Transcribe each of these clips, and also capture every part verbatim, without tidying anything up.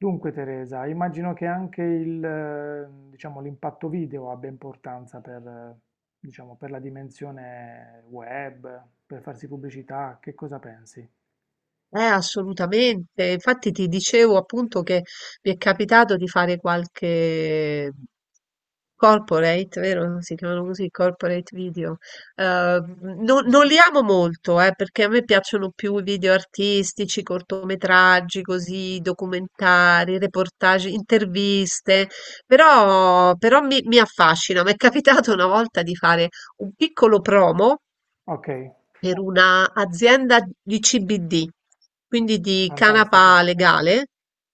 Dunque Teresa, immagino che anche il, eh, diciamo, l'impatto video abbia importanza per, eh, diciamo, per la dimensione web, per farsi pubblicità, che cosa pensi? Eh, assolutamente. Infatti ti dicevo appunto che mi è capitato di fare qualche corporate, vero? Si chiamano così, corporate video. Eh, non, non li amo molto, eh, perché a me piacciono più i video artistici, cortometraggi, così, documentari, reportage, interviste, però, però mi, mi affascina. Mi è capitato una volta di fare un piccolo promo Ok, per una azienda di C B D, quindi di canapa fantastico, legale,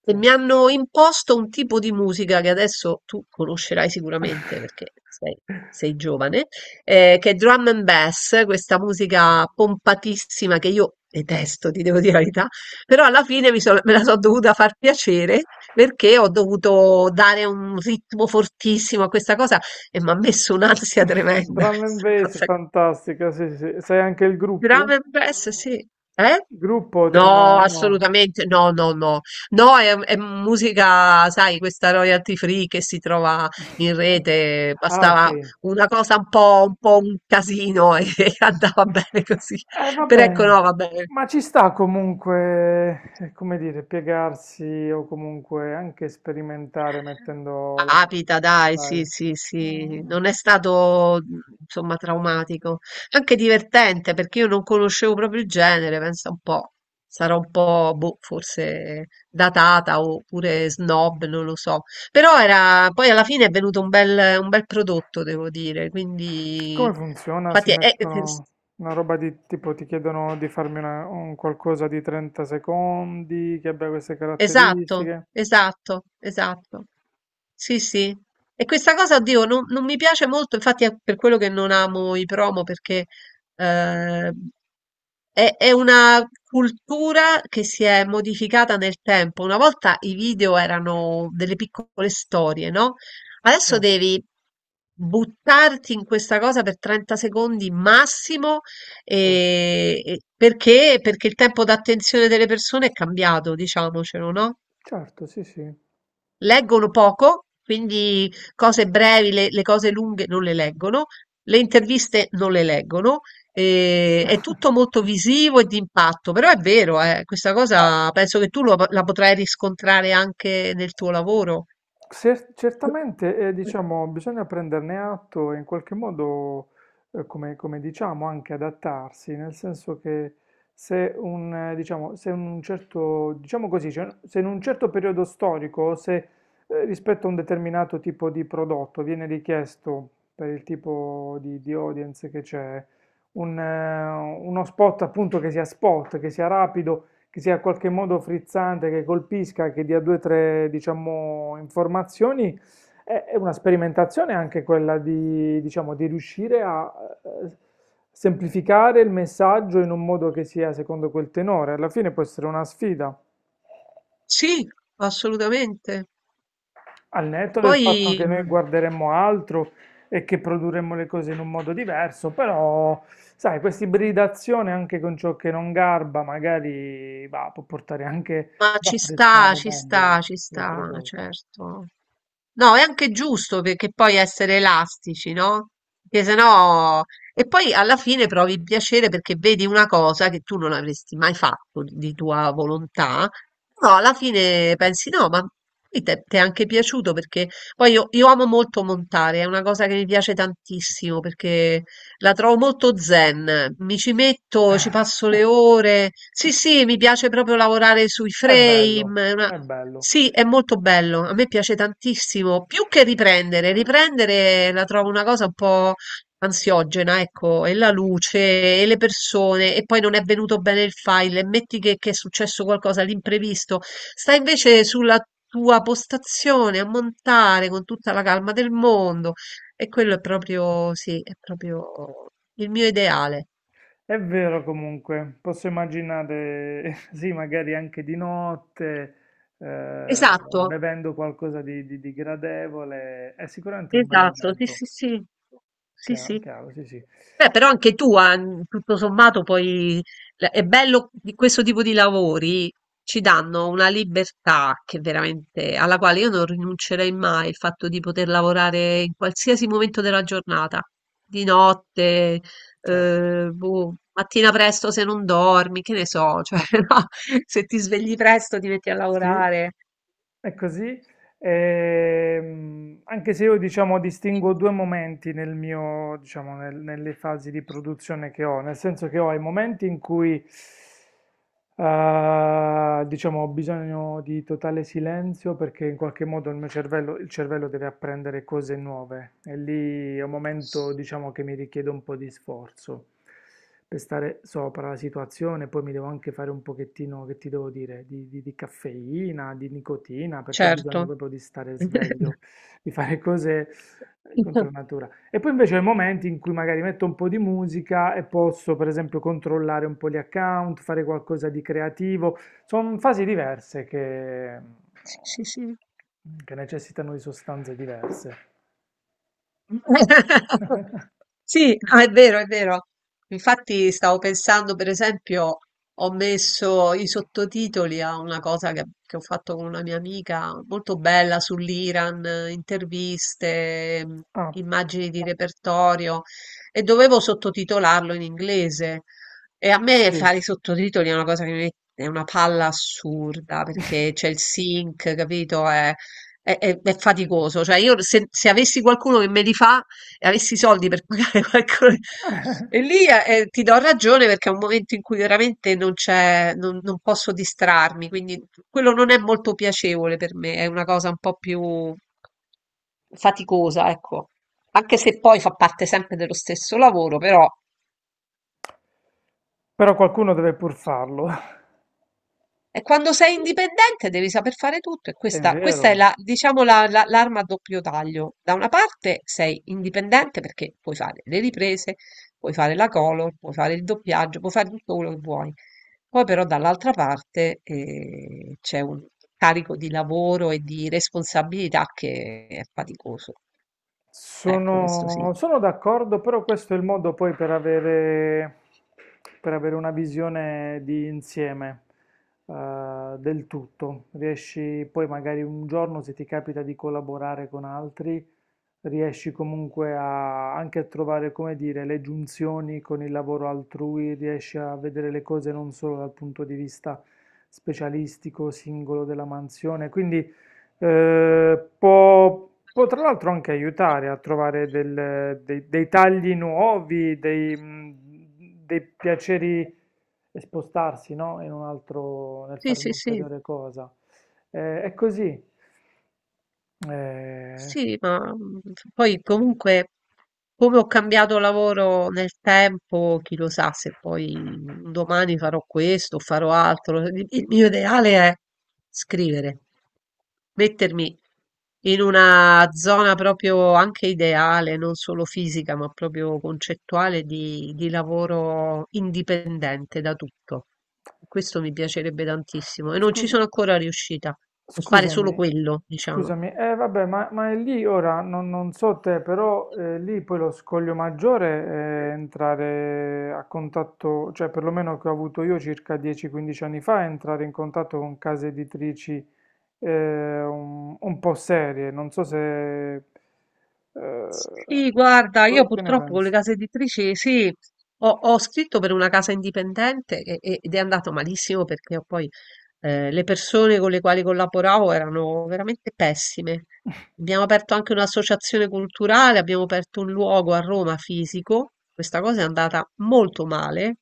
e sì. mi hanno imposto un tipo di musica che adesso tu conoscerai sicuramente perché sei, sei giovane, eh, che è drum and bass, questa musica pompatissima che io detesto, ti devo dire la verità, però alla fine mi sono- me la sono dovuta far piacere perché ho dovuto dare un ritmo fortissimo a questa cosa e mi ha messo un'ansia tremenda Drum and questa Bass, cosa. fantastica, sì, sì. Sì. Sai anche il gruppo? Drum and bass, sì. Eh? Gruppo ti No, hanno... No. assolutamente, no, no, no. No, è, è musica, sai, questa royalty free che si trova in rete, Ah, ok. bastava una cosa un po', un po' un casino e andava bene così. Eh, va Però ecco, no, bene, va bene. ma ci sta comunque, eh, come dire, piegarsi o comunque anche sperimentare mettendo la... Capita dai, sì, Dai. sì, sì, Ah. non è stato mh, insomma traumatico, anche divertente perché io non conoscevo proprio il genere, pensa un po', sarò un po', boh, forse datata oppure snob, non lo so, però era, poi alla fine è venuto un bel, un bel prodotto, devo dire, quindi Come funziona? Si infatti è, mettono una roba di tipo, ti chiedono di farmi una- un qualcosa di trenta secondi, che abbia queste esatto, caratteristiche. esatto, esatto. Sì, sì. E questa cosa, oddio, non, non mi piace molto, infatti è per quello che non amo i promo, perché eh, è, è una cultura che si è modificata nel tempo. Una volta i video erano delle piccole storie, no? Sì, Adesso devi buttarti in questa cosa per trenta secondi massimo certo, e- e- perché? Perché il tempo d'attenzione delle persone è cambiato, diciamocelo, no? certo, sì, sì. Leggono poco, quindi cose brevi, le, le cose lunghe non le leggono, le interviste non le leggono, e- è tutto molto visivo e di impatto, però è vero, eh, questa Eh, cosa penso che tu lo- la potrai riscontrare anche nel tuo lavoro. Cer- certamente, eh, diciamo, bisogna prenderne atto e in qualche modo, eh, come, come diciamo, anche adattarsi, nel senso che se un, eh, diciamo, se un certo, diciamo così, cioè, se in un certo periodo storico, o se eh, rispetto a un determinato tipo di prodotto viene richiesto per il tipo di, di audience che c'è, un, eh, uno spot appunto che sia spot, che sia rapido, che sia in qualche modo frizzante, che colpisca, che dia due o tre, diciamo, informazioni, è, è una sperimentazione anche quella di, diciamo, di riuscire a eh, semplificare il messaggio in un modo che sia secondo quel tenore. Alla fine può essere una sfida. Sì, assolutamente. Al E netto del Poi, fatto che noi mh, guarderemmo altro e che produrremmo le cose in un modo diverso, però, sai, questa ibridazione anche con ciò che non garba, magari va, può portare anche Ma ad ci sta, apprezzare ci sta, meglio ci le altre sta, cose. certo. No, è anche giusto perché poi essere elastici, no? Perché sennò... E poi alla fine provi piacere perché vedi una cosa che tu non avresti mai fatto di di tua volontà, però alla fine pensi no, ma poi te- ti è anche piaciuto perché poi io, io amo molto montare, è una cosa che mi piace tantissimo perché la trovo molto zen, mi ci metto, ci passo le ore. Sì, sì, mi piace proprio lavorare sui È bello, frame. è una- è bello. Sì, è molto bello, a me piace tantissimo, più che riprendere. Riprendere la trovo una cosa un po' ansiogena, ecco, e la luce, e le persone, e poi non è venuto bene il file, e metti che, che è successo qualcosa, l'imprevisto. Sta invece sulla tua postazione a montare con tutta la calma del mondo. E quello è proprio sì, è proprio il mio ideale. È vero comunque, posso immaginare, sì, magari anche di notte, eh, Esatto, bevendo qualcosa di, di- di gradevole, è sicuramente un bel esatto, sì, momento, sì, sì. Sì, chiaro, sì. chiaro, sì, sì, Beh, però anche tu, ah, n- tutto sommato, poi la- è bello di questo tipo di lavori, ci danno una libertà che veramente, alla quale io non rinuncerei mai, il fatto di poter lavorare in qualsiasi momento della giornata, di notte, certo. eh, boh, mattina presto se non dormi, che ne so, cioè, no, se ti svegli presto ti metti a Sì, lavorare, è così, ehm, anche se io diciamo distingo due momenti nel mio, diciamo, nel- nelle fasi di produzione che ho, nel senso che ho i momenti in cui eh, diciamo, ho bisogno di totale silenzio perché in qualche modo il mio cervello, il cervello deve apprendere cose nuove e lì è un momento diciamo, che mi richiede un po' di sforzo per stare sopra la situazione, poi mi devo anche fare un pochettino, che ti devo dire, di, di- di caffeina, di nicotina, perché ho bisogno certo. proprio di stare sveglio, di fare cose eh, contro natura. E poi invece ho i momenti in cui magari metto un po' di musica e posso, per esempio, controllare un po' gli account, fare qualcosa di creativo. Sono fasi diverse che, Sì, sì, sì. che necessitano di sostanze diverse. Sì, no, è vero, è vero. Infatti stavo pensando, per esempio, ho messo i sottotitoli a una cosa che, che ho fatto con una mia amica, molto bella sull'Iran, eh, interviste, mh, Ah, immagini di repertorio, e dovevo sottotitolarlo in inglese. E a me sì. fare i sottotitoli è una cosa che mi è una palla assurda, perché c'è il sync, capito? È è, è- è faticoso. Cioè, io se, se avessi qualcuno che me li fa e avessi i soldi per pagare qualcuno, e lì eh, eh, ti do ragione perché è un momento in cui veramente non c'è, non, non posso distrarmi, quindi quello non è molto piacevole per me, è una cosa un po' più faticosa, ecco. Anche se poi fa parte sempre dello stesso lavoro, però. Però qualcuno deve pur farlo. E quando sei indipendente devi saper fare tutto e È questa, questa è vero, la, diciamo la- la- l'arma a doppio taglio. Da una parte sei indipendente perché puoi fare le riprese, puoi fare la color, puoi fare il doppiaggio, puoi fare tutto quello che vuoi. Poi però dall'altra parte eh, c'è un carico di lavoro e di responsabilità che è faticoso. Ecco, questo sì. sono, sono d'accordo, però questo è il modo poi per avere, per avere una visione di insieme eh, del tutto. Riesci poi magari un giorno, se ti capita di collaborare con altri, riesci comunque a, anche a trovare, come dire, le giunzioni con il lavoro altrui, riesci a vedere le cose non solo dal punto di vista specialistico, singolo della mansione, quindi eh, può, può tra l'altro anche aiutare a trovare del- dei, dei tagli nuovi, dei, mm, dei piaceri e spostarsi, no? In un altro, nel Sì, fare sì, sì. un'ulteriore cosa. Eh, è così. Eh, Sì, ma mm, poi comunque come ho cambiato lavoro nel tempo, chi lo sa se poi un domani farò questo o farò altro. Il il mio ideale è scrivere, mettermi in una zona proprio anche ideale, non solo fisica, ma proprio concettuale di, di lavoro indipendente da tutto. Questo mi piacerebbe tantissimo e non ci scusa. sono ancora riuscita a fare solo Scusami, quello, diciamo. scusami, eh vabbè, ma, ma è lì ora, non, non so te, però eh, lì poi lo scoglio maggiore è entrare a contatto, cioè perlomeno che ho avuto io circa dieci quindici anni fa, è entrare in contatto con case editrici eh, un, un po' serie, non so se... eh, Sì, guarda, io co- che ne purtroppo con le pensi? case editrici, sì, ho, ho scritto per una casa indipendente e- e- ed è andato malissimo perché poi eh, le persone con le quali collaboravo erano veramente pessime. Abbiamo aperto anche un'associazione culturale, abbiamo aperto un luogo a Roma fisico, questa cosa è andata molto male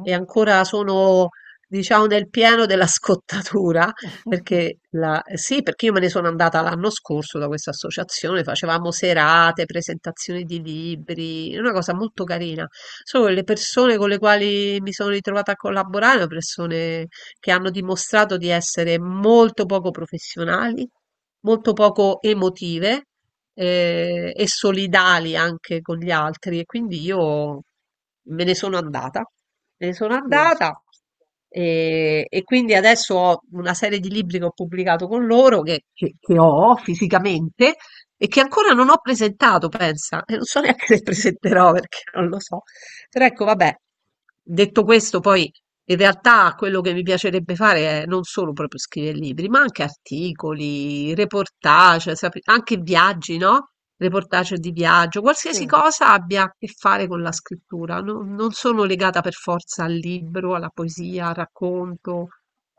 e ancora sono, diciamo, nel pieno della scottatura. Perché la- sì, perché io me ne sono andata l'anno scorso da questa associazione, facevamo serate, presentazioni di libri, è una cosa molto carina. Solo che le persone con le quali mi sono ritrovata a collaborare, sono persone che hanno dimostrato di essere molto poco professionali, molto poco emotive eh, e solidali anche con gli altri e quindi io me ne sono andata, me ne sono Sì, andata e, e quindi adesso ho una serie di libri che ho pubblicato con loro che, che- che ho fisicamente e che ancora non ho presentato, pensa, e non so neanche se presenterò perché non lo so. Però ecco, vabbè, detto questo, poi in realtà quello che mi piacerebbe fare è non solo proprio scrivere libri, ma anche articoli, reportage, sap- anche viaggi, no? Reportage di viaggio, qualsiasi sì. cosa abbia a che fare con la scrittura. No- Non sono legata per forza al libro, alla poesia, al racconto.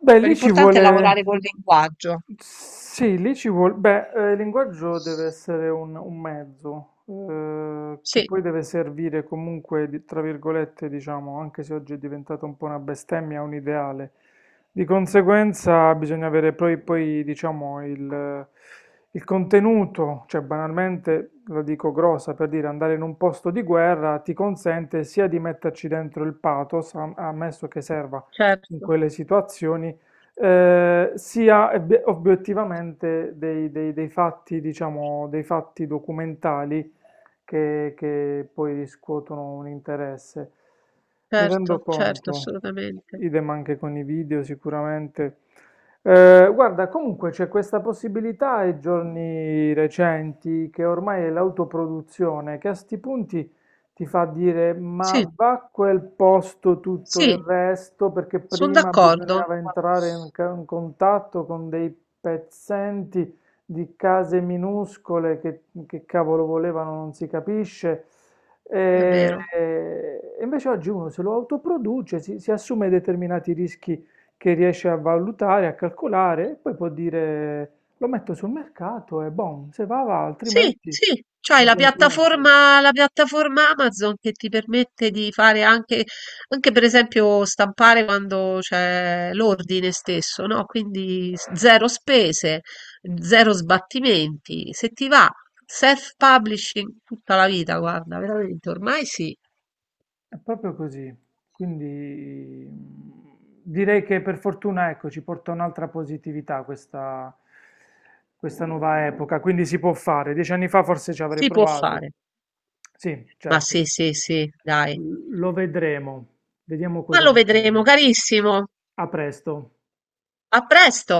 Beh, lì ci L'importante è vuole... lavorare col linguaggio. Sì, lì ci vuole... Beh, eh, il linguaggio deve essere un, un mezzo, eh, che Sì, poi deve servire comunque, di- tra virgolette, diciamo, anche se oggi è diventata un po' una bestemmia, un ideale. Di conseguenza bisogna avere poi, poi diciamo, il, il contenuto, cioè banalmente, la dico grossa, per dire andare in un posto di guerra ti consente sia di metterci dentro il pathos, am- ammesso che serva in certo, quelle situazioni, eh, sia ebbe- obiettivamente dei, dei- dei fatti, diciamo, dei fatti documentali che, che poi riscuotono un interesse. Mi rendo certo, certo, conto, assolutamente. idem anche con i video sicuramente. Eh, guarda, comunque c'è questa possibilità ai giorni recenti che ormai è l'autoproduzione, che a sti punti ti fa dire ma Sì, va a quel posto tutto il sì, resto perché sono prima d'accordo. bisognava entrare in, ca- in contatto con dei pezzenti di case minuscole che, che cavolo volevano, non si capisce. È E, vero. e invece oggi uno se lo autoproduce, si, si assume determinati rischi che riesce a valutare, a calcolare, e poi può dire lo metto sul mercato e boom, se va va, Sì, altrimenti sì, c'hai va la bene comunque. piattaforma, la piattaforma Amazon che ti permette di fare anche, anche per esempio stampare quando c'è l'ordine stesso, no? Quindi s- zero spese, zero sbattimenti. Se ti va, self-publishing tutta la vita, guarda, veramente ormai sì, È proprio così, quindi mm, direi che per fortuna ecco, ci porta un'altra positività questa, questa, nuova epoca, quindi si può fare. Dieci anni fa forse ci avrei si può provato. fare. Sì, Ma certo, sì, sì, sì, dai. L- lo vedremo, vediamo Ma cosa lo vedremo, succede. carissimo. A presto. A presto!